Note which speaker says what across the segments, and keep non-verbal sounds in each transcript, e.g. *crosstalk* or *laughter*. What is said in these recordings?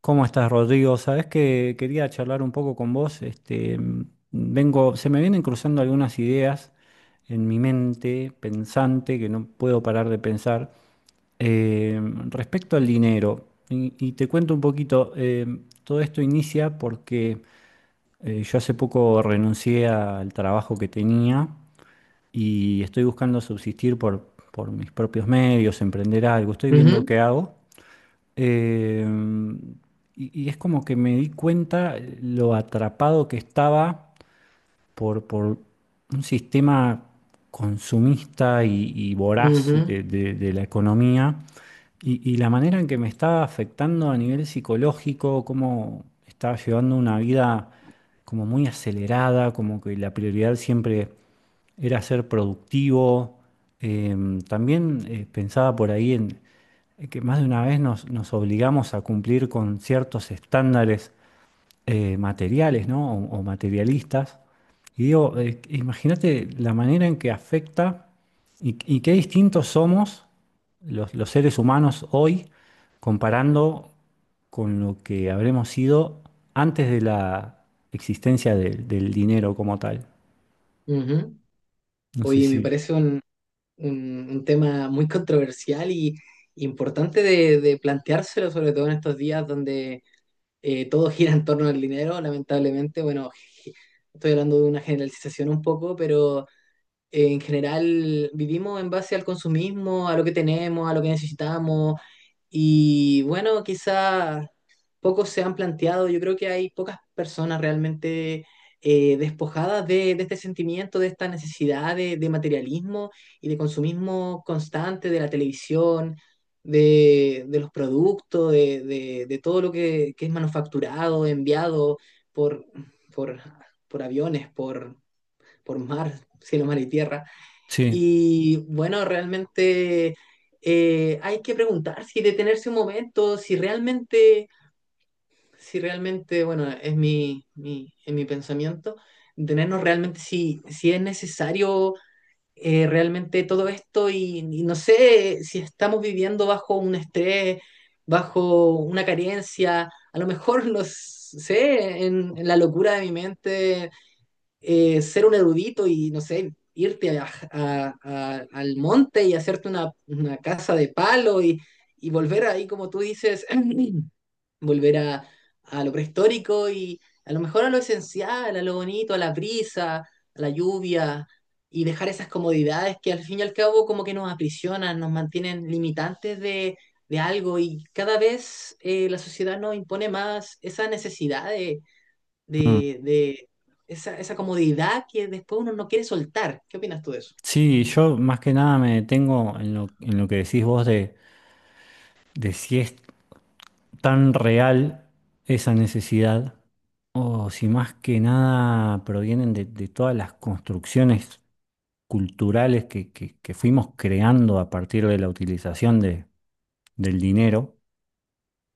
Speaker 1: ¿Cómo estás, Rodrigo? Sabés que quería charlar un poco con vos. Este, se me vienen cruzando algunas ideas en mi mente pensante que no puedo parar de pensar eh, respecto al dinero. Y te cuento un poquito. Todo esto inicia porque yo hace poco renuncié al trabajo que tenía y estoy buscando subsistir por mis propios medios, emprender algo. Estoy viendo
Speaker 2: Ujú,
Speaker 1: qué hago. Eh, y es como que me di cuenta lo atrapado que estaba por un sistema consumista y voraz
Speaker 2: ujú,
Speaker 1: de la economía y la manera en que me está afectando a nivel psicológico, cómo estaba llevando una vida como muy acelerada, como que la prioridad siempre era ser productivo. También pensaba por ahí en que más de una vez nos obligamos a cumplir con ciertos estándares materiales, ¿no? O materialistas. Y digo, imagínate la manera en que afecta y qué distintos somos los seres humanos hoy comparando con lo que habremos sido antes de la existencia del dinero como tal.
Speaker 2: ujú.
Speaker 1: No sé
Speaker 2: Oye, me
Speaker 1: si.
Speaker 2: parece un tema muy controversial y importante de planteárselo, sobre todo en estos días donde todo *laughs* gira en torno al dinero, lamentablemente. Bueno, *laughs* estoy hablando de una generalización un poco, pero en general vivimos en base al consumismo, a lo que tenemos, a lo que necesitamos. Y bueno, quizá pocos se han planteado, yo creo que hay pocas personas realmente despojadas de este sentimiento, de esta necesidad de materialismo y de consumismo constante de la televisión, de los productos, de todo lo que es manufacturado, enviado por, por, por aviones, por mar, cielo, mar y tierra.
Speaker 1: Sí.
Speaker 2: Y bueno, realmente hay que preguntar si detenerse un momento, si realmente, si realmente, bueno, es es mi pensamiento, detenernos realmente si es necesario realmente todo esto y no sé si estamos viviendo bajo un estrés, bajo una carencia, a lo mejor, *laughs* no sé, en la locura de mi mente ser un erudito y, no sé, irte al monte y hacerte una casa de palo y volver ahí, como tú dices, *clears throat* volver a lo prehistórico y a lo mejor a lo esencial, a lo bonito, a la brisa, a la lluvia y dejar esas comodidades que al fin y al cabo como que nos aprisionan, nos mantienen limitantes de algo y cada vez la sociedad nos impone más esa necesidad de
Speaker 1: Mm.
Speaker 2: de, de esa, esa comodidad que después uno no quiere soltar. ¿Qué opinas tú de eso?
Speaker 1: Sí, yo más que nada me detengo en lo que decís vos de, si es tan real esa necesidad o si más que nada provienen de todas las construcciones culturales que fuimos creando a partir de la utilización del dinero.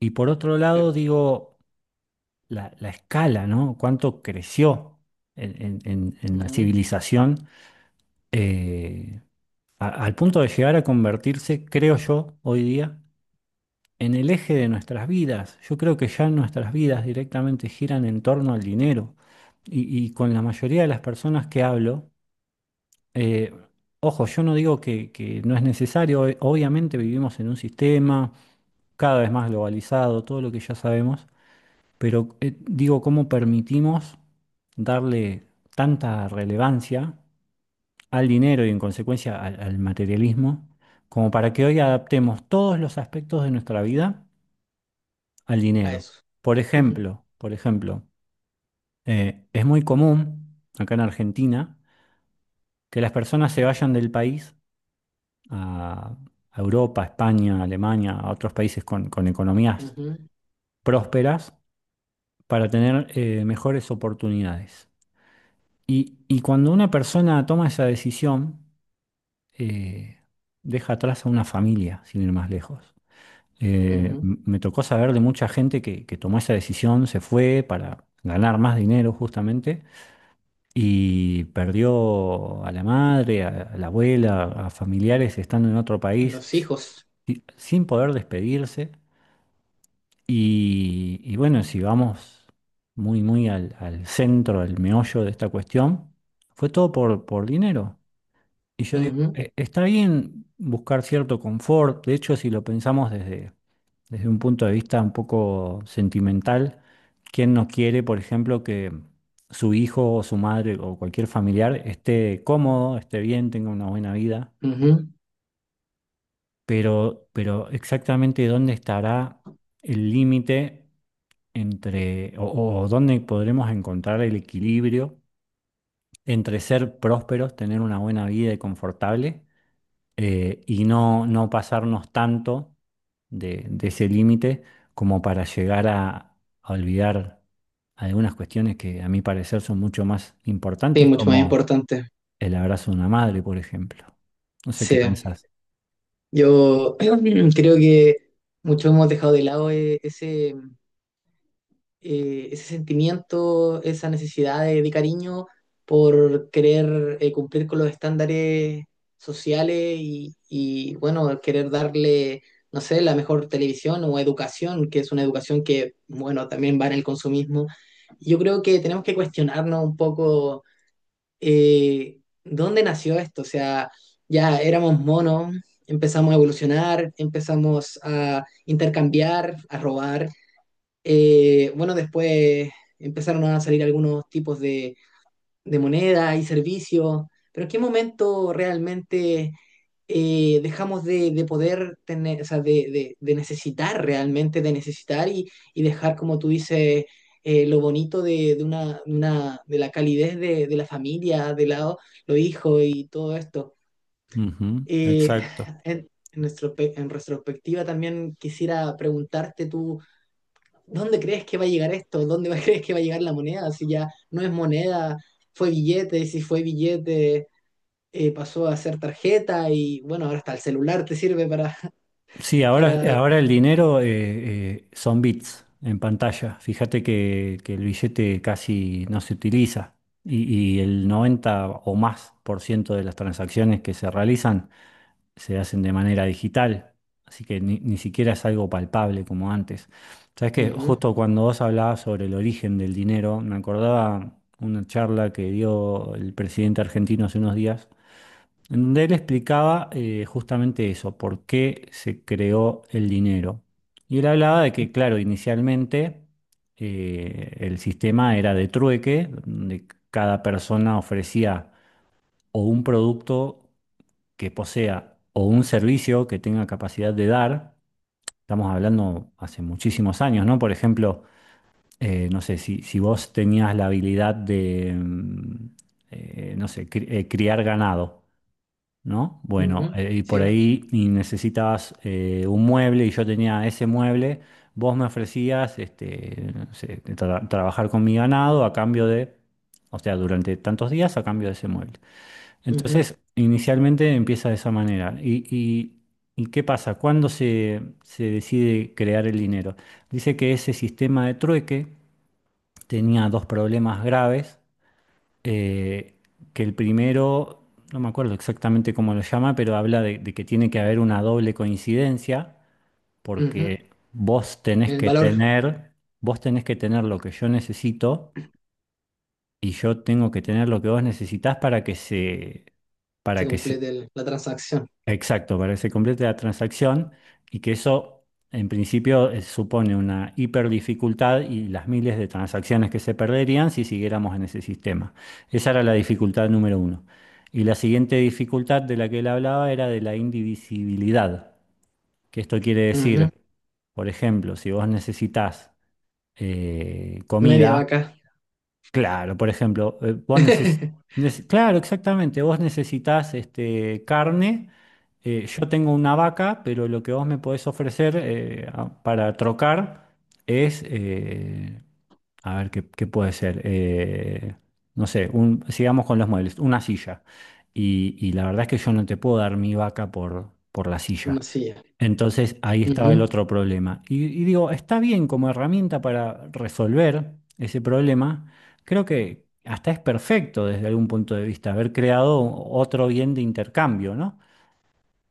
Speaker 1: Y por otro
Speaker 2: Sí.
Speaker 1: lado, digo, la escala, ¿no? Cuánto creció en la
Speaker 2: Ujú.
Speaker 1: civilización eh, al punto de llegar a convertirse, creo yo, hoy día, en el eje de nuestras vidas. Yo creo que ya nuestras vidas directamente giran en torno al dinero. Y con la mayoría de las personas que hablo, eh, ojo, yo no digo que, no es necesario, obviamente vivimos en un sistema cada vez más globalizado, todo lo que ya sabemos, pero digo, ¿cómo permitimos darle tanta relevancia al dinero y en consecuencia al materialismo, como para que hoy adaptemos todos los aspectos de nuestra vida al
Speaker 2: A
Speaker 1: dinero?
Speaker 2: eso.
Speaker 1: Por
Speaker 2: *laughs*
Speaker 1: ejemplo, por ejemplo, es muy común acá en Argentina que las personas se vayan del país a, a Europa, España, Alemania, a otros países con economías
Speaker 2: Ujú,
Speaker 1: prósperas para tener mejores oportunidades. Y cuando una persona toma esa decisión, eh, deja atrás a una familia, sin ir más lejos.
Speaker 2: ujú.
Speaker 1: Me tocó saber de mucha gente que, tomó esa decisión, se fue para ganar más dinero justamente, y perdió a la madre, a la abuela, a familiares estando en otro país
Speaker 2: Los hijos.
Speaker 1: sin poder despedirse. Y bueno, si vamos muy, muy al centro, al meollo de esta cuestión, fue todo por dinero. Y yo digo,
Speaker 2: Ujú,
Speaker 1: está bien buscar cierto confort. De hecho, si lo pensamos desde un punto de vista un poco sentimental, ¿quién no quiere, por ejemplo, que su hijo o su madre o cualquier familiar esté cómodo, esté bien, tenga una buena vida?
Speaker 2: ujú.
Speaker 1: Pero exactamente dónde estará el límite entre, o dónde podremos encontrar el equilibrio entre ser prósperos, tener una buena vida y confortable, y no pasarnos tanto de ese límite como para llegar a olvidar algunas cuestiones que a mi parecer son mucho más
Speaker 2: Sí,
Speaker 1: importantes,
Speaker 2: mucho más
Speaker 1: como
Speaker 2: importante.
Speaker 1: el abrazo de una madre, por ejemplo. No sé qué
Speaker 2: Sí,
Speaker 1: pensás.
Speaker 2: yo *clears throat* creo que mucho hemos dejado de lado ese... ese sentimiento, esa necesidad de cariño por querer cumplir con los estándares sociales y, bueno, querer darle, no sé, la mejor televisión o educación, que es una educación que, bueno, también va en el consumismo. Yo creo que tenemos que cuestionarnos un poco dónde nació esto, o sea, ya éramos monos. Empezamos a evolucionar, empezamos a intercambiar, a robar, bueno, después empezaron a salir algunos tipos de moneda y servicios, pero ¿en qué momento realmente dejamos de poder tener, o sea, de necesitar realmente, de necesitar y dejar, como tú dices, lo bonito de una de la calidez de la familia, de lado, los hijos y todo esto?
Speaker 1: Ujú,
Speaker 2: Eh,
Speaker 1: exacto.
Speaker 2: en nuestro, en retrospectiva también quisiera preguntarte tú. ¿Dónde crees que va a llegar esto? ¿Dónde va- *laughs* crees que va a llegar la moneda? Si ya no es moneda, fue billete, si fue billete, pasó a ser tarjeta y bueno, ahora hasta el celular te sirve para,
Speaker 1: Sí,
Speaker 2: *laughs*
Speaker 1: ahora,
Speaker 2: para...
Speaker 1: ahora el dinero son bits en pantalla. Fíjate que, el billete casi no se utiliza y el 90% o más de las transacciones que se realizan se hacen de manera digital, así que ni siquiera es algo palpable como antes. Sabes que
Speaker 2: Ujú,
Speaker 1: justo cuando vos hablabas sobre el origen del dinero, me acordaba una charla que dio el presidente argentino hace unos días, en donde él explicaba justamente eso, por qué se creó el dinero. Y él hablaba de que, claro, inicialmente el sistema era de trueque, donde cada persona ofrecía o un producto que posea o un servicio que tenga capacidad de dar. Estamos hablando hace muchísimos años, ¿no? Por ejemplo, no sé, si vos tenías la habilidad de, no sé, criar ganado, ¿no? Bueno,
Speaker 2: ujú,
Speaker 1: y por
Speaker 2: sí,
Speaker 1: ahí y necesitabas un mueble y yo tenía ese mueble, vos me ofrecías no sé, trabajar con mi ganado a cambio de, o sea, durante tantos días a cambio de ese mueble.
Speaker 2: ujú,
Speaker 1: Entonces, inicialmente empieza de esa manera. ¿Y qué pasa? ¿Cuándo se decide crear el dinero? Dice que ese sistema de trueque tenía dos problemas graves. eh, que el primero, no me acuerdo exactamente cómo lo llama, pero habla de, que tiene que haber una doble coincidencia,
Speaker 2: ujú.
Speaker 1: porque vos tenés
Speaker 2: El
Speaker 1: que
Speaker 2: valor,
Speaker 1: tener, vos tenés que tener lo que yo necesito y yo tengo que tener lo que vos necesitás para que se para
Speaker 2: se
Speaker 1: que
Speaker 2: completa
Speaker 1: se,
Speaker 2: el- la transacción.
Speaker 1: exacto, para que se complete la transacción, y que eso en principio supone una hiperdificultad y las miles de transacciones que se perderían si siguiéramos en ese sistema. Esa era la dificultad número uno. Y la siguiente dificultad de la que él hablaba era de la indivisibilidad, que esto quiere
Speaker 2: Ujú.
Speaker 1: decir, por ejemplo, si vos necesitas
Speaker 2: Media
Speaker 1: comida.
Speaker 2: vaca.
Speaker 1: Claro, por ejemplo,
Speaker 2: *laughs*
Speaker 1: claro, exactamente, vos necesitas carne. Yo tengo una vaca, pero lo que vos me podés ofrecer para trocar es, a ver, qué puede ser? No sé, sigamos con los muebles, una silla. Y la verdad es que yo no te puedo dar mi vaca por la
Speaker 2: Una
Speaker 1: silla.
Speaker 2: silla.
Speaker 1: Entonces ahí estaba el
Speaker 2: Ujú.
Speaker 1: otro problema. Y digo, está bien como herramienta para resolver ese problema. Creo que hasta es perfecto desde algún punto de vista haber creado otro bien de intercambio, ¿no?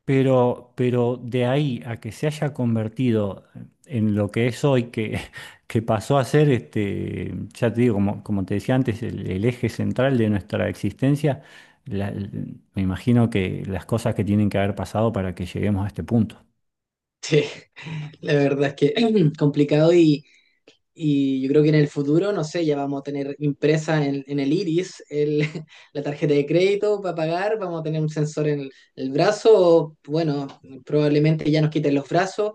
Speaker 1: Pero de ahí a que se haya convertido en lo que es hoy, que, *laughs* que pasó a ser, ya te digo, como, te decía antes, el eje central de nuestra existencia, la- me imagino que las cosas que tienen que haber pasado para que lleguemos a este punto.
Speaker 2: Sí, *laughs* la verdad es que *clears throat* complicado y yo creo que en el futuro, no sé, ya vamos a tener impresa en el iris el- *laughs* la tarjeta de crédito para pagar, vamos a tener un sensor en el brazo, o, bueno, probablemente ya nos quiten los brazos,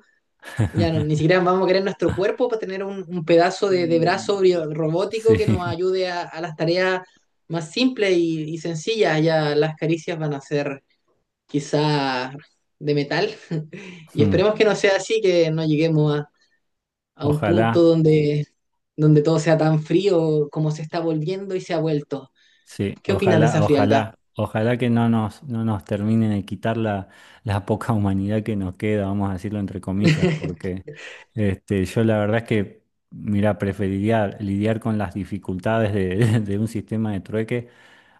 Speaker 2: ya no- ni siquiera vamos a querer nuestro cuerpo para tener un pedazo de brazo
Speaker 1: Mm.
Speaker 2: bio-
Speaker 1: Sí.
Speaker 2: robótico que nos
Speaker 1: *laughs*
Speaker 2: ayude a las tareas más simples y sencillas, ya las caricias van a ser quizá de metal, *laughs* y
Speaker 1: mm,
Speaker 2: esperemos que no sea así, que no lleguemos a un punto
Speaker 1: Ojalá.
Speaker 2: donde, donde todo sea tan frío como se está volviendo y se ha vuelto.
Speaker 1: Sí,
Speaker 2: ¿Qué opinas de
Speaker 1: ojalá,
Speaker 2: esa frialdad
Speaker 1: ojalá, ojalá que no nos terminen de quitar la poca humanidad que nos queda, vamos a decirlo entre comillas,
Speaker 2: *laughs*
Speaker 1: porque yo la verdad es que, mira, preferiría lidiar con las dificultades de, *laughs* de un sistema de trueque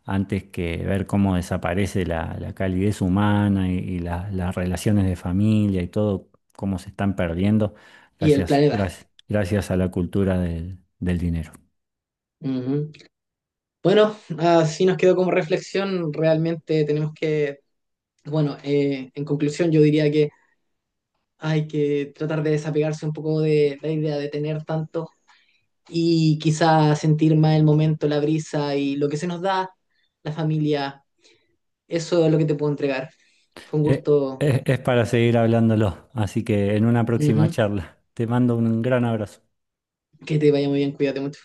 Speaker 1: antes que ver cómo desaparece la calidez humana y las relaciones de familia y todo, cómo se están perdiendo
Speaker 2: y el
Speaker 1: gracias,
Speaker 2: planeta?
Speaker 1: gracias, gracias a la cultura del dinero.
Speaker 2: Ujú. Bueno, así nos quedó como reflexión. Realmente tenemos que, bueno, en conclusión yo diría que hay que tratar de desapegarse un poco de la idea de tener tanto y quizá sentir más el momento, la brisa y lo que se nos da, la familia. Eso es lo que te puedo entregar. Fue un
Speaker 1: Eh,
Speaker 2: gusto.
Speaker 1: es para seguir hablándolo, así que en una próxima
Speaker 2: Ujú.
Speaker 1: charla. Te mando un gran abrazo.
Speaker 2: Que te vaya muy bien, cuídate mucho.